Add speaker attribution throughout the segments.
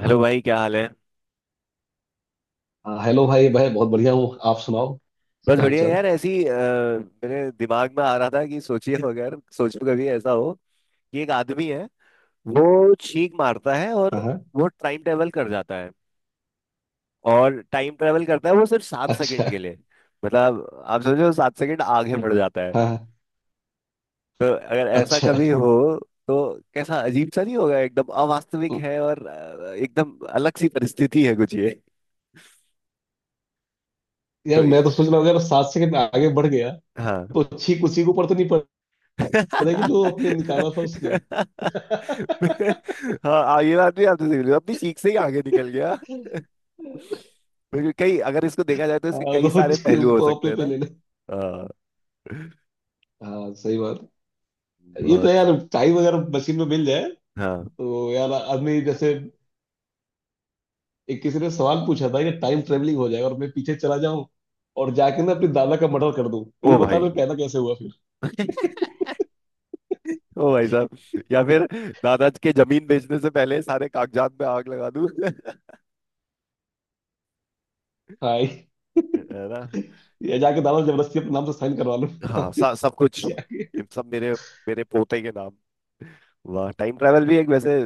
Speaker 1: Hello. हाँ भाई, क्या हाल है?
Speaker 2: हाँ, हेलो भाई भाई बहुत बढ़िया हूँ। आप सुनाओ,
Speaker 1: बस
Speaker 2: क्या हाल
Speaker 1: बढ़िया
Speaker 2: चाल।
Speaker 1: यार। ऐसी मेरे दिमाग में आ रहा था कि सोचिए, अगर सोचो कभी ऐसा हो कि एक आदमी है, वो छींक मारता है
Speaker 2: हाँ
Speaker 1: और
Speaker 2: हाँ।
Speaker 1: वो टाइम ट्रेवल कर जाता है, और टाइम ट्रेवल करता है वो सिर्फ सात
Speaker 2: अच्छा।
Speaker 1: सेकंड के लिए। मतलब आप समझो, 7 सेकंड आगे बढ़ जाता है।
Speaker 2: हाँ हाँ।
Speaker 1: तो अगर ऐसा
Speaker 2: अच्छा
Speaker 1: कभी हो तो कैसा अजीब सा नहीं होगा? एकदम अवास्तविक है और एकदम अलग सी परिस्थिति है कुछ ये। तो
Speaker 2: यार, मैं तो सोच रहा हूँ अगर
Speaker 1: ए,
Speaker 2: सात सेकंड आगे बढ़ गया
Speaker 1: हाँ
Speaker 2: तो छींक उसी के ऊपर तो नहीं पड़ेगी जो अपने निकाला था उसने। हाँ,
Speaker 1: हाँ, ये बात भी आपने सही बोली, अपनी सीख से ही आगे निकल गया। बिल्कुल, कई अगर इसको देखा जाए तो इसके कई
Speaker 2: तो
Speaker 1: सारे पहलू हो
Speaker 2: छींक
Speaker 1: सकते
Speaker 2: अपने
Speaker 1: हैं ना।
Speaker 2: पे ले ले।
Speaker 1: हाँ।
Speaker 2: हाँ, सही बात। ये तो
Speaker 1: बहुत।
Speaker 2: यार टाइम अगर मशीन में मिल जाए
Speaker 1: हाँ।
Speaker 2: तो यार आदमी जैसे एक किसी ने सवाल पूछा था कि टाइम ट्रेवलिंग हो जाए और मैं पीछे चला जाऊं और जाके ना अपने दादा का मर्डर कर दूं तो
Speaker 1: ओ
Speaker 2: ये बता
Speaker 1: भाई।
Speaker 2: मैं पैदा कैसे हुआ फिर।
Speaker 1: ओ भाई साहब, या फिर दादाजी के जमीन बेचने से पहले सारे कागजात पे आग लगा दूं।
Speaker 2: हाँ,
Speaker 1: है ना।
Speaker 2: ये जाके दादा जबरदस्ती अपने नाम से साइन करवा लो।
Speaker 1: हाँ सब कुछ
Speaker 2: जाके।
Speaker 1: ये सब मेरे मेरे पोते के नाम। वाह, टाइम ट्रैवल भी एक वैसे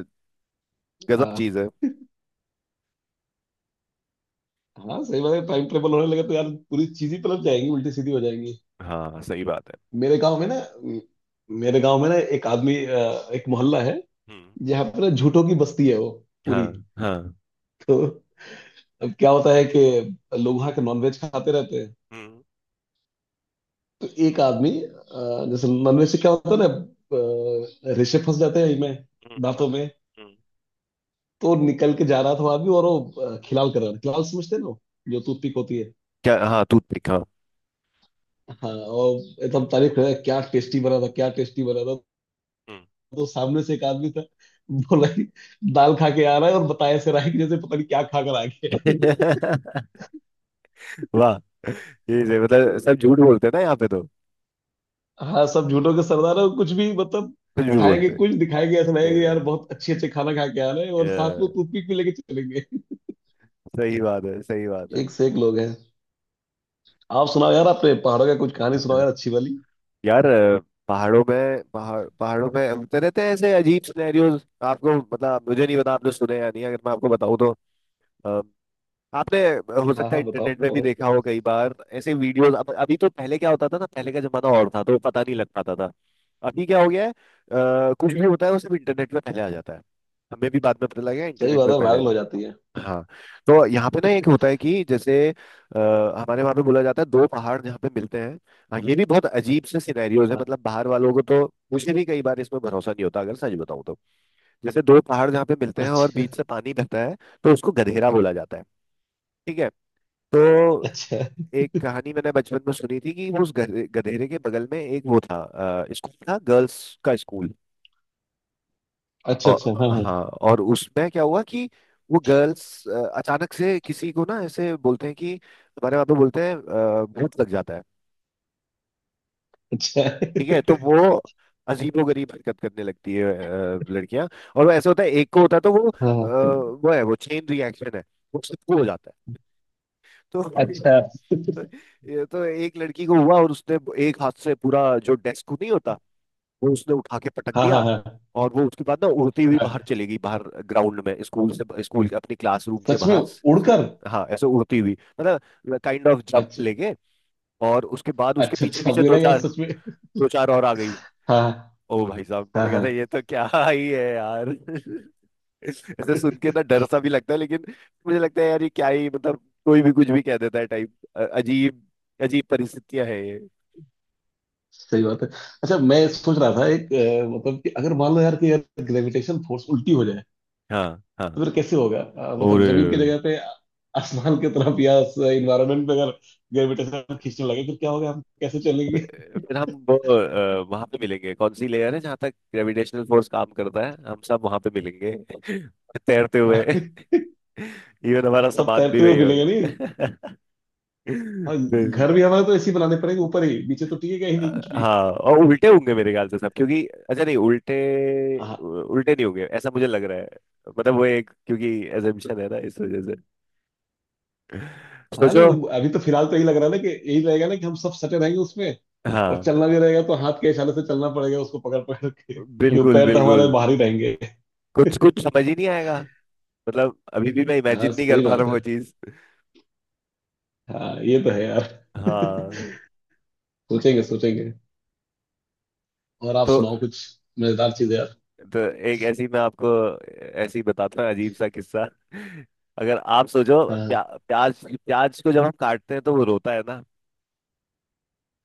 Speaker 1: गजब
Speaker 2: हाँ
Speaker 1: चीज है।
Speaker 2: हाँ, सही बात है। टाइम ट्रेवल होने लगे तो यार पूरी चीज ही पलट जाएंगी, उल्टी सीधी हो जाएंगी।
Speaker 1: हाँ सही बात है।
Speaker 2: मेरे गांव में ना म- मेरे गांव में ना एक आदमी एक मोहल्ला है।
Speaker 1: हम्म।
Speaker 2: यहाँ पर ना झूठों की बस्ती है वो पूरी।
Speaker 1: हाँ हाँ।
Speaker 2: तो अब क्या होता है कि लोग वहाँ के नॉनवेज खाते रहते हैं।
Speaker 1: हम्म।
Speaker 2: तो एक आदमी जैसे नॉनवेज से क्या होता है ना, रेशे फंस जाते हैं इनमें,
Speaker 1: हम्म। हम्म।
Speaker 2: दांतों में।
Speaker 1: हम्म।
Speaker 2: तो निकल के जा रहा था वो आदमी और वो खिलाल कर रहा था। खिलाल समझते हैं ना वो, जो टूथपिक होती है।
Speaker 1: क्या? हाँ टूथपिक, हाँ।
Speaker 2: हाँ। और एकदम तारीफ कर रहा है, क्या टेस्टी बना था क्या टेस्टी बना था।
Speaker 1: हम्म।
Speaker 2: तो सामने से एक आदमी था, बोला कि दाल खा के आ रहा है और बताया ऐसे रहा है कि जैसे पता नहीं क्या खा कर आ गया है।
Speaker 1: वाह। ये से मतलब सब झूठ बोलते हैं ना यहाँ पे तो,
Speaker 2: हाँ, सब झूठों के सरदार है। कुछ भी मतलब
Speaker 1: कुछ भी
Speaker 2: खाएंगे
Speaker 1: बोलते
Speaker 2: कुछ दिखाएंगे, ऐसा लगेगा कि यार
Speaker 1: हैं। अ,
Speaker 2: बहुत अच्छे अच्छे खाना खा के आ रहे हैं
Speaker 1: अ,
Speaker 2: और साथ में टूथपिक भी लेके चलेंगे।
Speaker 1: सही बात है, सही बात है।
Speaker 2: एक से एक लोग हैं। आप सुनाओ यार, अपने पहाड़ों का कुछ कहानी सुनाओ यार अच्छी वाली।
Speaker 1: यार पहाड़ों में, पहाड़ पहाड़ों में होते रहते हैं ऐसे अजीब सिनेरियोज। आपको मतलब, मुझे नहीं पता आपने सुने या नहीं, अगर मैं आपको बताऊं तो आपने हो
Speaker 2: हाँ
Speaker 1: सकता है
Speaker 2: हाँ, बताओ
Speaker 1: इंटरनेट में भी
Speaker 2: भाई।
Speaker 1: देखा हो। कई बार ऐसे वीडियोस अब, अभी तो पहले क्या होता था ना, पहले का जमाना और था तो पता नहीं लग पाता था। अभी क्या हो गया है, कुछ भी होता है वो सब इंटरनेट में पहले आ जाता है। हमें भी बाद में पता लगा,
Speaker 2: सही
Speaker 1: इंटरनेट
Speaker 2: बात
Speaker 1: में
Speaker 2: है,
Speaker 1: पहले आ
Speaker 2: वायरल
Speaker 1: जाता
Speaker 2: हो जाती है।
Speaker 1: है। हाँ। तो यहाँ पे ना एक होता है कि जैसे हमारे वहाँ पे बोला जाता है, दो पहाड़ जहाँ पे मिलते हैं। हाँ ये भी बहुत अजीब से सिनेरियोज है।
Speaker 2: हाँ।
Speaker 1: मतलब बाहर वालों को तो, मुझे भी कई बार इसमें भरोसा नहीं होता अगर सच बताऊँ तो। जैसे दो पहाड़ जहाँ पे मिलते हैं और
Speaker 2: अच्छा।
Speaker 1: बीच से पानी बहता है, तो उसको गधेरा बोला जाता है। ठीक है। तो
Speaker 2: अच्छा।
Speaker 1: एक कहानी मैंने बचपन में सुनी थी कि उस गधेरे के बगल में एक वो था, स्कूल था, गर्ल्स का स्कूल।
Speaker 2: अच्छा।
Speaker 1: और
Speaker 2: अच्छा। हाँ हाँ।
Speaker 1: हाँ, और उसमें क्या हुआ कि वो गर्ल्स अचानक से किसी को ना ऐसे बोलते हैं कि, हमारे वहाँ पे बोलते हैं, भूत लग जाता है।
Speaker 2: अच्छा।
Speaker 1: ठीक है, तो वो अजीबो गरीब हरकत करने लगती है लड़कियां। और वो ऐसे होता है, एक को होता है तो वो
Speaker 2: हाँ हाँ,
Speaker 1: वो है, वो चेन रिएक्शन है, वो सबको हो जाता है।
Speaker 2: अच्छा।
Speaker 1: तो ये तो एक लड़की को हुआ, और उसने एक हाथ से पूरा जो डेस्क नहीं होता, वो उसने उठा के पटक
Speaker 2: हाँ हाँ।
Speaker 1: दिया।
Speaker 2: हाँ
Speaker 1: और वो उसके बाद ना उड़ती हुई बाहर
Speaker 2: हाँ,
Speaker 1: चली गई, बाहर ग्राउंड में, स्कूल से, स्कूल के अपनी क्लासरूम के
Speaker 2: सच में
Speaker 1: बाहर
Speaker 2: उड़कर?
Speaker 1: हाँ ऐसे उड़ती हुई, मतलब काइंड ऑफ जंप
Speaker 2: अच्छा,
Speaker 1: लेके। और उसके बाद उसके
Speaker 2: अच्छा।
Speaker 1: पीछे
Speaker 2: अच्छा
Speaker 1: पीछे
Speaker 2: मुझे
Speaker 1: दो
Speaker 2: लगा यार
Speaker 1: चार
Speaker 2: सच में।
Speaker 1: दो चार और आ गई।
Speaker 2: हाँ
Speaker 1: ओ भाई साहब,
Speaker 2: हाँ। हाँ
Speaker 1: मैंने कहा था
Speaker 2: हाँ,
Speaker 1: ये तो क्या ही है यार। ऐसे सुन के ना डर सा भी लगता है, लेकिन मुझे लगता है यार ये क्या ही। मतलब कोई भी कुछ भी कह देता है टाइप। अजीब अजीब परिस्थितियां है ये।
Speaker 2: सही बात है। अच्छा मैं सोच रहा था एक मतलब कि अगर मान लो यार कि यार ग्रेविटेशन फोर्स उल्टी हो जाए
Speaker 1: हाँ हाँ।
Speaker 2: तो फिर कैसे होगा?
Speaker 1: और
Speaker 2: मतलब जमीन की जगह पे आसमान की तरफ, या इन्वायरमेंट पे अगर ग्रेविटेशन खींचने लगे फिर क्या होगा, हम कैसे चलेंगे?
Speaker 1: फिर हम वो, वहां पे मिलेंगे। कौन सी लेयर है जहाँ तक ग्रेविटेशनल फोर्स काम करता है, हम सब वहां पे मिलेंगे। तैरते हुए।
Speaker 2: हाँ,
Speaker 1: इवन हमारा
Speaker 2: सब
Speaker 1: सामान भी
Speaker 2: तैरते हुए
Speaker 1: वही
Speaker 2: मिलेंगे नहीं?
Speaker 1: होगा।
Speaker 2: हाँ।
Speaker 1: फिर,
Speaker 2: घर भी हमारे तो ऐसे ही बनाने पड़ेंगे, ऊपर ही नीचे तो टिकेगा ही नहीं कुछ भी।
Speaker 1: हाँ और उल्टे होंगे मेरे ख्याल से सब। क्योंकि, अच्छा नहीं, उल्टे,
Speaker 2: हाँ।
Speaker 1: उल्टे नहीं होंगे ऐसा मुझे लग रहा है। मतलब वो एक, क्योंकि एजम्पशन है ना इस वजह से
Speaker 2: हाँ लेकिन
Speaker 1: सोचो।
Speaker 2: अभी तो फिलहाल तो यही लग रहा है ना कि यही रहेगा ना कि हम सब सटे रहेंगे उसमें। और
Speaker 1: हाँ।
Speaker 2: चलना भी रहेगा तो हाथ के इशारे से चलना पड़ेगा, उसको पकड़ पकड़ के, क्योंकि
Speaker 1: बिल्कुल
Speaker 2: पैर तो हमारे
Speaker 1: बिल्कुल।
Speaker 2: बाहर ही रहेंगे।
Speaker 1: कुछ कुछ समझ ही नहीं आएगा, मतलब अभी भी मैं
Speaker 2: हाँ
Speaker 1: इमेजिन नहीं कर
Speaker 2: सही
Speaker 1: पा रहा
Speaker 2: बात
Speaker 1: हूँ
Speaker 2: है।
Speaker 1: वो चीज।
Speaker 2: हाँ ये तो है यार।
Speaker 1: हाँ।
Speaker 2: सोचेंगे सोचेंगे। और आप
Speaker 1: तो
Speaker 2: सुनाओ कुछ मजेदार चीज यार।
Speaker 1: तो एक ऐसी मैं आपको, ऐसी बताता हूँ अजीब सा किस्सा। अगर आप सोचो,
Speaker 2: हाँ
Speaker 1: प्याज प्याज को जब हम काटते हैं तो वो रोता है ना।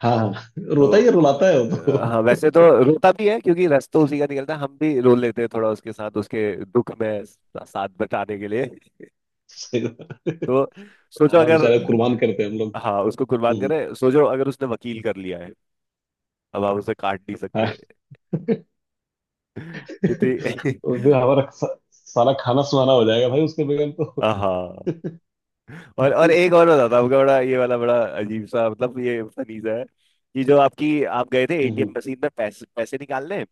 Speaker 2: हाँ। हाँ, रोता
Speaker 1: तो
Speaker 2: ही है, रुलाता है वो
Speaker 1: हाँ,
Speaker 2: तो।
Speaker 1: वैसे तो रोता भी है क्योंकि रस तो उसी का निकलता है। हम भी रो लेते हैं थोड़ा उसके साथ, उसके दुख में साथ बटाने के लिए।
Speaker 2: सही बात।
Speaker 1: तो सोचो,
Speaker 2: हाँ
Speaker 1: अगर
Speaker 2: बेचारे कुर्बान करते हैं हम लोग।
Speaker 1: हाँ उसको कुर्बान
Speaker 2: हम्म।
Speaker 1: करें। सोचो अगर उसने वकील कर लिया है, अब आप उसे काट नहीं
Speaker 2: हाँ।
Speaker 1: सकते। कितनी।
Speaker 2: उस दिन हमारा सारा खाना सुहाना हो जाएगा भाई उसके बगैर तो।
Speaker 1: हाँ, और एक और बताता हूँ आपका। बड़ा ये वाला बड़ा अजीब सा, मतलब ये फनी सा है कि जो आपकी आप गए थे एटीएम
Speaker 2: हम्म।
Speaker 1: मशीन में पैसे पैसे निकालने,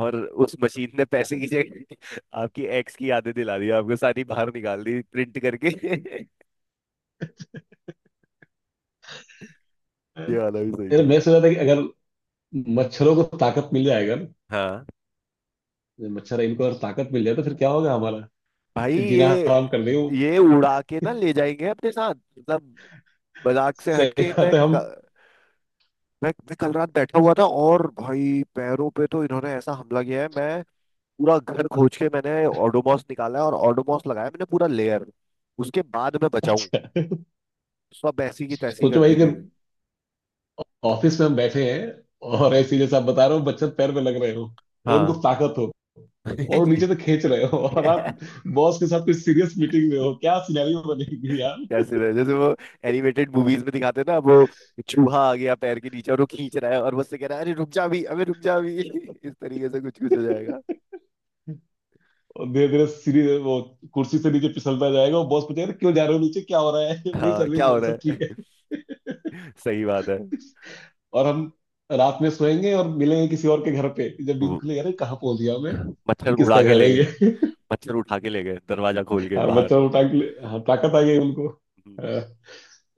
Speaker 1: और उस मशीन ने पैसे
Speaker 2: हम्म।
Speaker 1: की जगह आपकी एक्स की यादें दिला दी आपको, सारी बाहर निकाल दी प्रिंट करके। ये
Speaker 2: मेरे
Speaker 1: वाला भी सही था।
Speaker 2: मैं सोचा था कि अगर मच्छरों को ताकत मिल जाएगा ना,
Speaker 1: हाँ
Speaker 2: जब मच्छर इनको अगर ताकत मिल जाए तो फिर क्या होगा हमारा।
Speaker 1: भाई।
Speaker 2: ये जीना
Speaker 1: ये
Speaker 2: हराम कर देंगे वो।
Speaker 1: ये उड़ा के ना ले जाएंगे अपने साथ, मतलब। मजाक से
Speaker 2: सही
Speaker 1: हटके, मैं
Speaker 2: बात है।
Speaker 1: क-
Speaker 2: हम
Speaker 1: मैं कल रात बैठा हुआ था, और भाई पैरों पे तो इन्होंने ऐसा हमला किया है। मैं पूरा घर खोज के, मैंने ओडोमॉस निकाला और ओडोमॉस लगाया। मैंने पूरा लेयर, उसके बाद मैं बचाऊं, सब ऐसी की तैसी
Speaker 2: सोचो
Speaker 1: कर
Speaker 2: भाई
Speaker 1: दी
Speaker 2: कि
Speaker 1: थी।
Speaker 2: ऑफिस में हम बैठे हैं और ऐसी जैसे आप बता रहे हो मच्छर पैर में लग रहे हो और उनको
Speaker 1: हाँ।
Speaker 2: ताकत हो और वो नीचे से खींच रहे हो और आप बॉस के साथ कोई सीरियस मीटिंग में हो, क्या सिनेरियो बनेगी यार।
Speaker 1: जैसे जैसे वो एनिमेटेड मूवीज में दिखाते हैं ना, वो चूहा आ गया पैर के नीचे और वो खींच रहा है, और मुझसे कह रहा है, अरे रुक जा भी, अबे रुक जा भी। इस तरीके से कुछ कुछ हो जाएगा।
Speaker 2: और धीरे धीरे सीरीज वो कुर्सी से नीचे फिसलता जाएगा और बॉस पूछेगा, "अरे क्यों जा रहे हो नीचे, क्या हो रहा है?" नहीं
Speaker 1: हाँ,
Speaker 2: सर, नहीं
Speaker 1: क्या हो
Speaker 2: सर, सब
Speaker 1: रहा है?
Speaker 2: ठीक।
Speaker 1: सही बात है।
Speaker 2: और हम रात में सोएंगे और मिलेंगे किसी और के घर पे, जब नींद
Speaker 1: वो-
Speaker 2: खुलेगी अरे कहाँ पहुंच गया मैं,
Speaker 1: मच्छर
Speaker 2: ये
Speaker 1: उड़ा
Speaker 2: किसका
Speaker 1: के
Speaker 2: घर
Speaker 1: ले
Speaker 2: है
Speaker 1: गए,
Speaker 2: ये?
Speaker 1: मच्छर उठा के ले गए दरवाजा खोल के
Speaker 2: हाँ
Speaker 1: बाहर।
Speaker 2: बच्चा उठा के हाँ, ताकत आ गई उनको,
Speaker 1: हम्म।
Speaker 2: हाँ।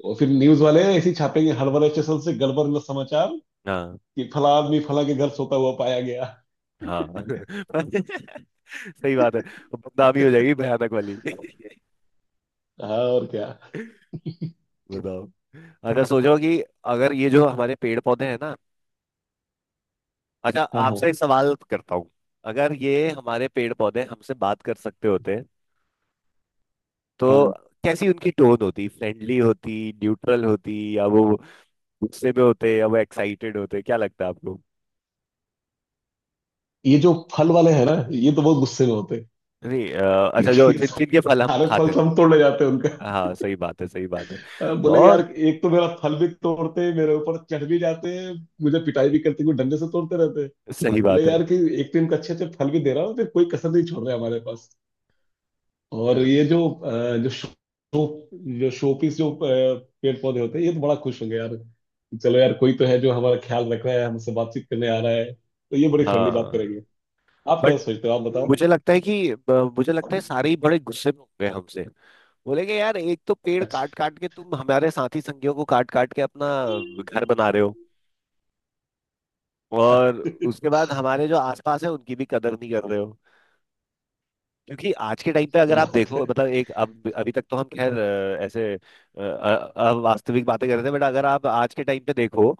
Speaker 2: और फिर न्यूज वाले ऐसे ही छापेंगे, हर वाले स्टेशन से गड़बड़ में समाचार
Speaker 1: हाँ
Speaker 2: कि फला आदमी फला के घर सोता हुआ पाया गया।
Speaker 1: हाँ। सही बात है। वो बदनामी हो जाएगी भयानक वाली।
Speaker 2: हाँ और क्या।
Speaker 1: बताओ। अच्छा सोचो कि अगर ये जो हमारे पेड़ पौधे हैं ना। अच्छा
Speaker 2: हाँ हाँ।
Speaker 1: आपसे एक सवाल करता हूँ, अगर ये हमारे पेड़ पौधे हमसे बात कर सकते होते
Speaker 2: हाँ
Speaker 1: तो
Speaker 2: हाँ।
Speaker 1: कैसी उनकी टोन होती? फ्रेंडली होती, न्यूट्रल होती, या वो गुस्से में होते या वो एक्साइटेड होते? क्या लगता है आपको?
Speaker 2: ये जो फल वाले हैं ना, ये तो बहुत गुस्से में होते हैं,
Speaker 1: नहीं अच्छा, जो
Speaker 2: क्योंकि
Speaker 1: जिनके फल हम
Speaker 2: सारे फल
Speaker 1: खाते हैं।
Speaker 2: सब तोड़ ले जाते हैं उनका।
Speaker 1: हाँ सही बात है, सही बात है।
Speaker 2: हाँ, बोले यार
Speaker 1: और
Speaker 2: एक तो मेरा फल भी तोड़ते हैं, मेरे ऊपर चढ़ भी जाते हैं, मुझे पिटाई भी करते हैं, कोई डंडे से तोड़ते रहते हैं।
Speaker 1: सही
Speaker 2: बोले
Speaker 1: बात है।
Speaker 2: यार कि एक तो इनका अच्छे अच्छे फल भी दे रहा हूँ, फिर कोई कसर नहीं छोड़ रहा है हमारे पास। और ये जो अ, जो शो जो शोपीस जो पेड़ पौधे होते हैं, ये तो बड़ा खुश होंगे यार। चलो यार कोई तो है जो हमारा ख्याल रख रहा है, हमसे बातचीत करने आ रहा है, तो ये बड़ी फ्रेंडली बात
Speaker 1: हाँ।
Speaker 2: करेंगे। आप क्या
Speaker 1: बट
Speaker 2: सोचते हो आप बताओ।
Speaker 1: मुझे लगता है कि मुझे लगता है सारे ही बड़े गुस्से में होंगे हमसे। बोलेंगे यार, एक तो पेड़
Speaker 2: अच्छा।
Speaker 1: काट काट के, तुम हमारे साथी संगियों को काट काट के अपना घर बना रहे हो। और
Speaker 2: अच्छा,
Speaker 1: उसके बाद हमारे जो आसपास है उनकी भी कदर नहीं कर रहे हो। क्योंकि आज के टाइम पे अगर
Speaker 2: सही
Speaker 1: आप
Speaker 2: बात
Speaker 1: देखो,
Speaker 2: है।
Speaker 1: मतलब एक, अब अभी तक तो हम खैर ऐसे वास्तविक बातें कर रहे थे। बट अगर आप आज के टाइम पे देखो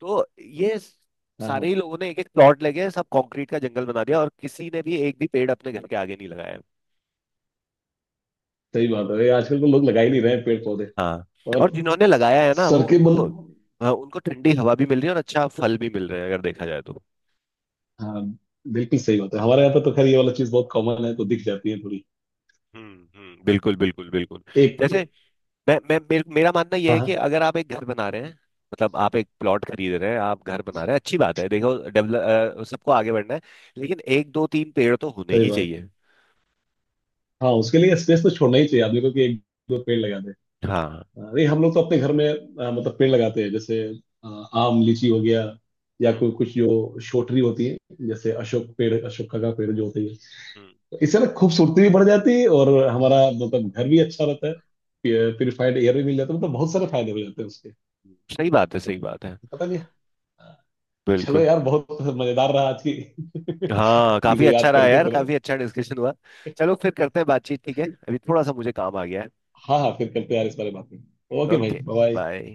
Speaker 1: तो ये
Speaker 2: हाँ
Speaker 1: सारे
Speaker 2: हाँ,
Speaker 1: ही लोगों ने एक एक प्लॉट लेके सब कंक्रीट का जंगल बना दिया, और किसी ने भी एक भी पेड़ अपने घर के आगे नहीं लगाया।
Speaker 2: सही बात है। ये आजकल तो लोग लगा ही नहीं रहे हैं पेड़ पौधे।
Speaker 1: हाँ।
Speaker 2: और
Speaker 1: और जिन्होंने लगाया है ना,
Speaker 2: सर
Speaker 1: वो
Speaker 2: के
Speaker 1: उनको
Speaker 2: बल।
Speaker 1: अ, उनको ठंडी हवा भी मिल रही है और अच्छा फल भी मिल रहा है अगर देखा जाए तो।
Speaker 2: हाँ बिल्कुल सही बात है, हमारे यहाँ पे तो खैर ये वाला चीज बहुत कॉमन है, तो दिख जाती है थोड़ी।
Speaker 1: हम्म। बिल्कुल बिल्कुल बिल्कुल।
Speaker 2: एक,
Speaker 1: जैसे
Speaker 2: एक।
Speaker 1: मैं मेरा मानना यह
Speaker 2: हाँ
Speaker 1: है कि
Speaker 2: हाँ।
Speaker 1: अगर आप एक घर बना रहे हैं, मतलब आप एक प्लॉट खरीद रहे हैं, आप घर बना रहे हैं। अच्छी बात है, देखो डेवलप सबको आगे बढ़ना है, लेकिन एक दो तीन पेड़ तो होने
Speaker 2: सही
Speaker 1: ही
Speaker 2: बात।
Speaker 1: चाहिए।
Speaker 2: हाँ उसके लिए स्पेस तो छोड़ना ही चाहिए आदमी को कि एक दो पेड़ लगा दे।
Speaker 1: हाँ।
Speaker 2: अरे हम लोग तो अपने घर में मतलब पेड़ लगाते हैं जैसे अ, आम लीची हो गया, या
Speaker 1: हम्म
Speaker 2: कोई कुछ जो शोटरी होती है, जैसे अशोक पेड़, अशोका का पेड़ जो होती है,
Speaker 1: हम्म
Speaker 2: तो इससे ना खूबसूरती भी बढ़ जाती है और हमारा मतलब घर भी अच्छा रहता है। प्योरीफाइड एयर भी मिल जाता है, मतलब बहुत सारे फायदे हो जाते हैं उसके।
Speaker 1: सही बात है, सही बात है।
Speaker 2: पता नहीं। चलो
Speaker 1: बिल्कुल।
Speaker 2: यार बहुत मजेदार रहा आज की।
Speaker 1: हाँ काफी
Speaker 2: चीजें
Speaker 1: अच्छा
Speaker 2: याद
Speaker 1: रहा
Speaker 2: करके
Speaker 1: यार,
Speaker 2: तो।
Speaker 1: काफी अच्छा डिस्कशन हुआ। चलो, फिर करते हैं बातचीत। ठीक है, अभी थोड़ा सा मुझे काम आ गया है।
Speaker 2: हाँ हाँ, फिर करते हैं यार इस बारे में बात। ओके भाई,
Speaker 1: ओके,
Speaker 2: बाय।
Speaker 1: बाय।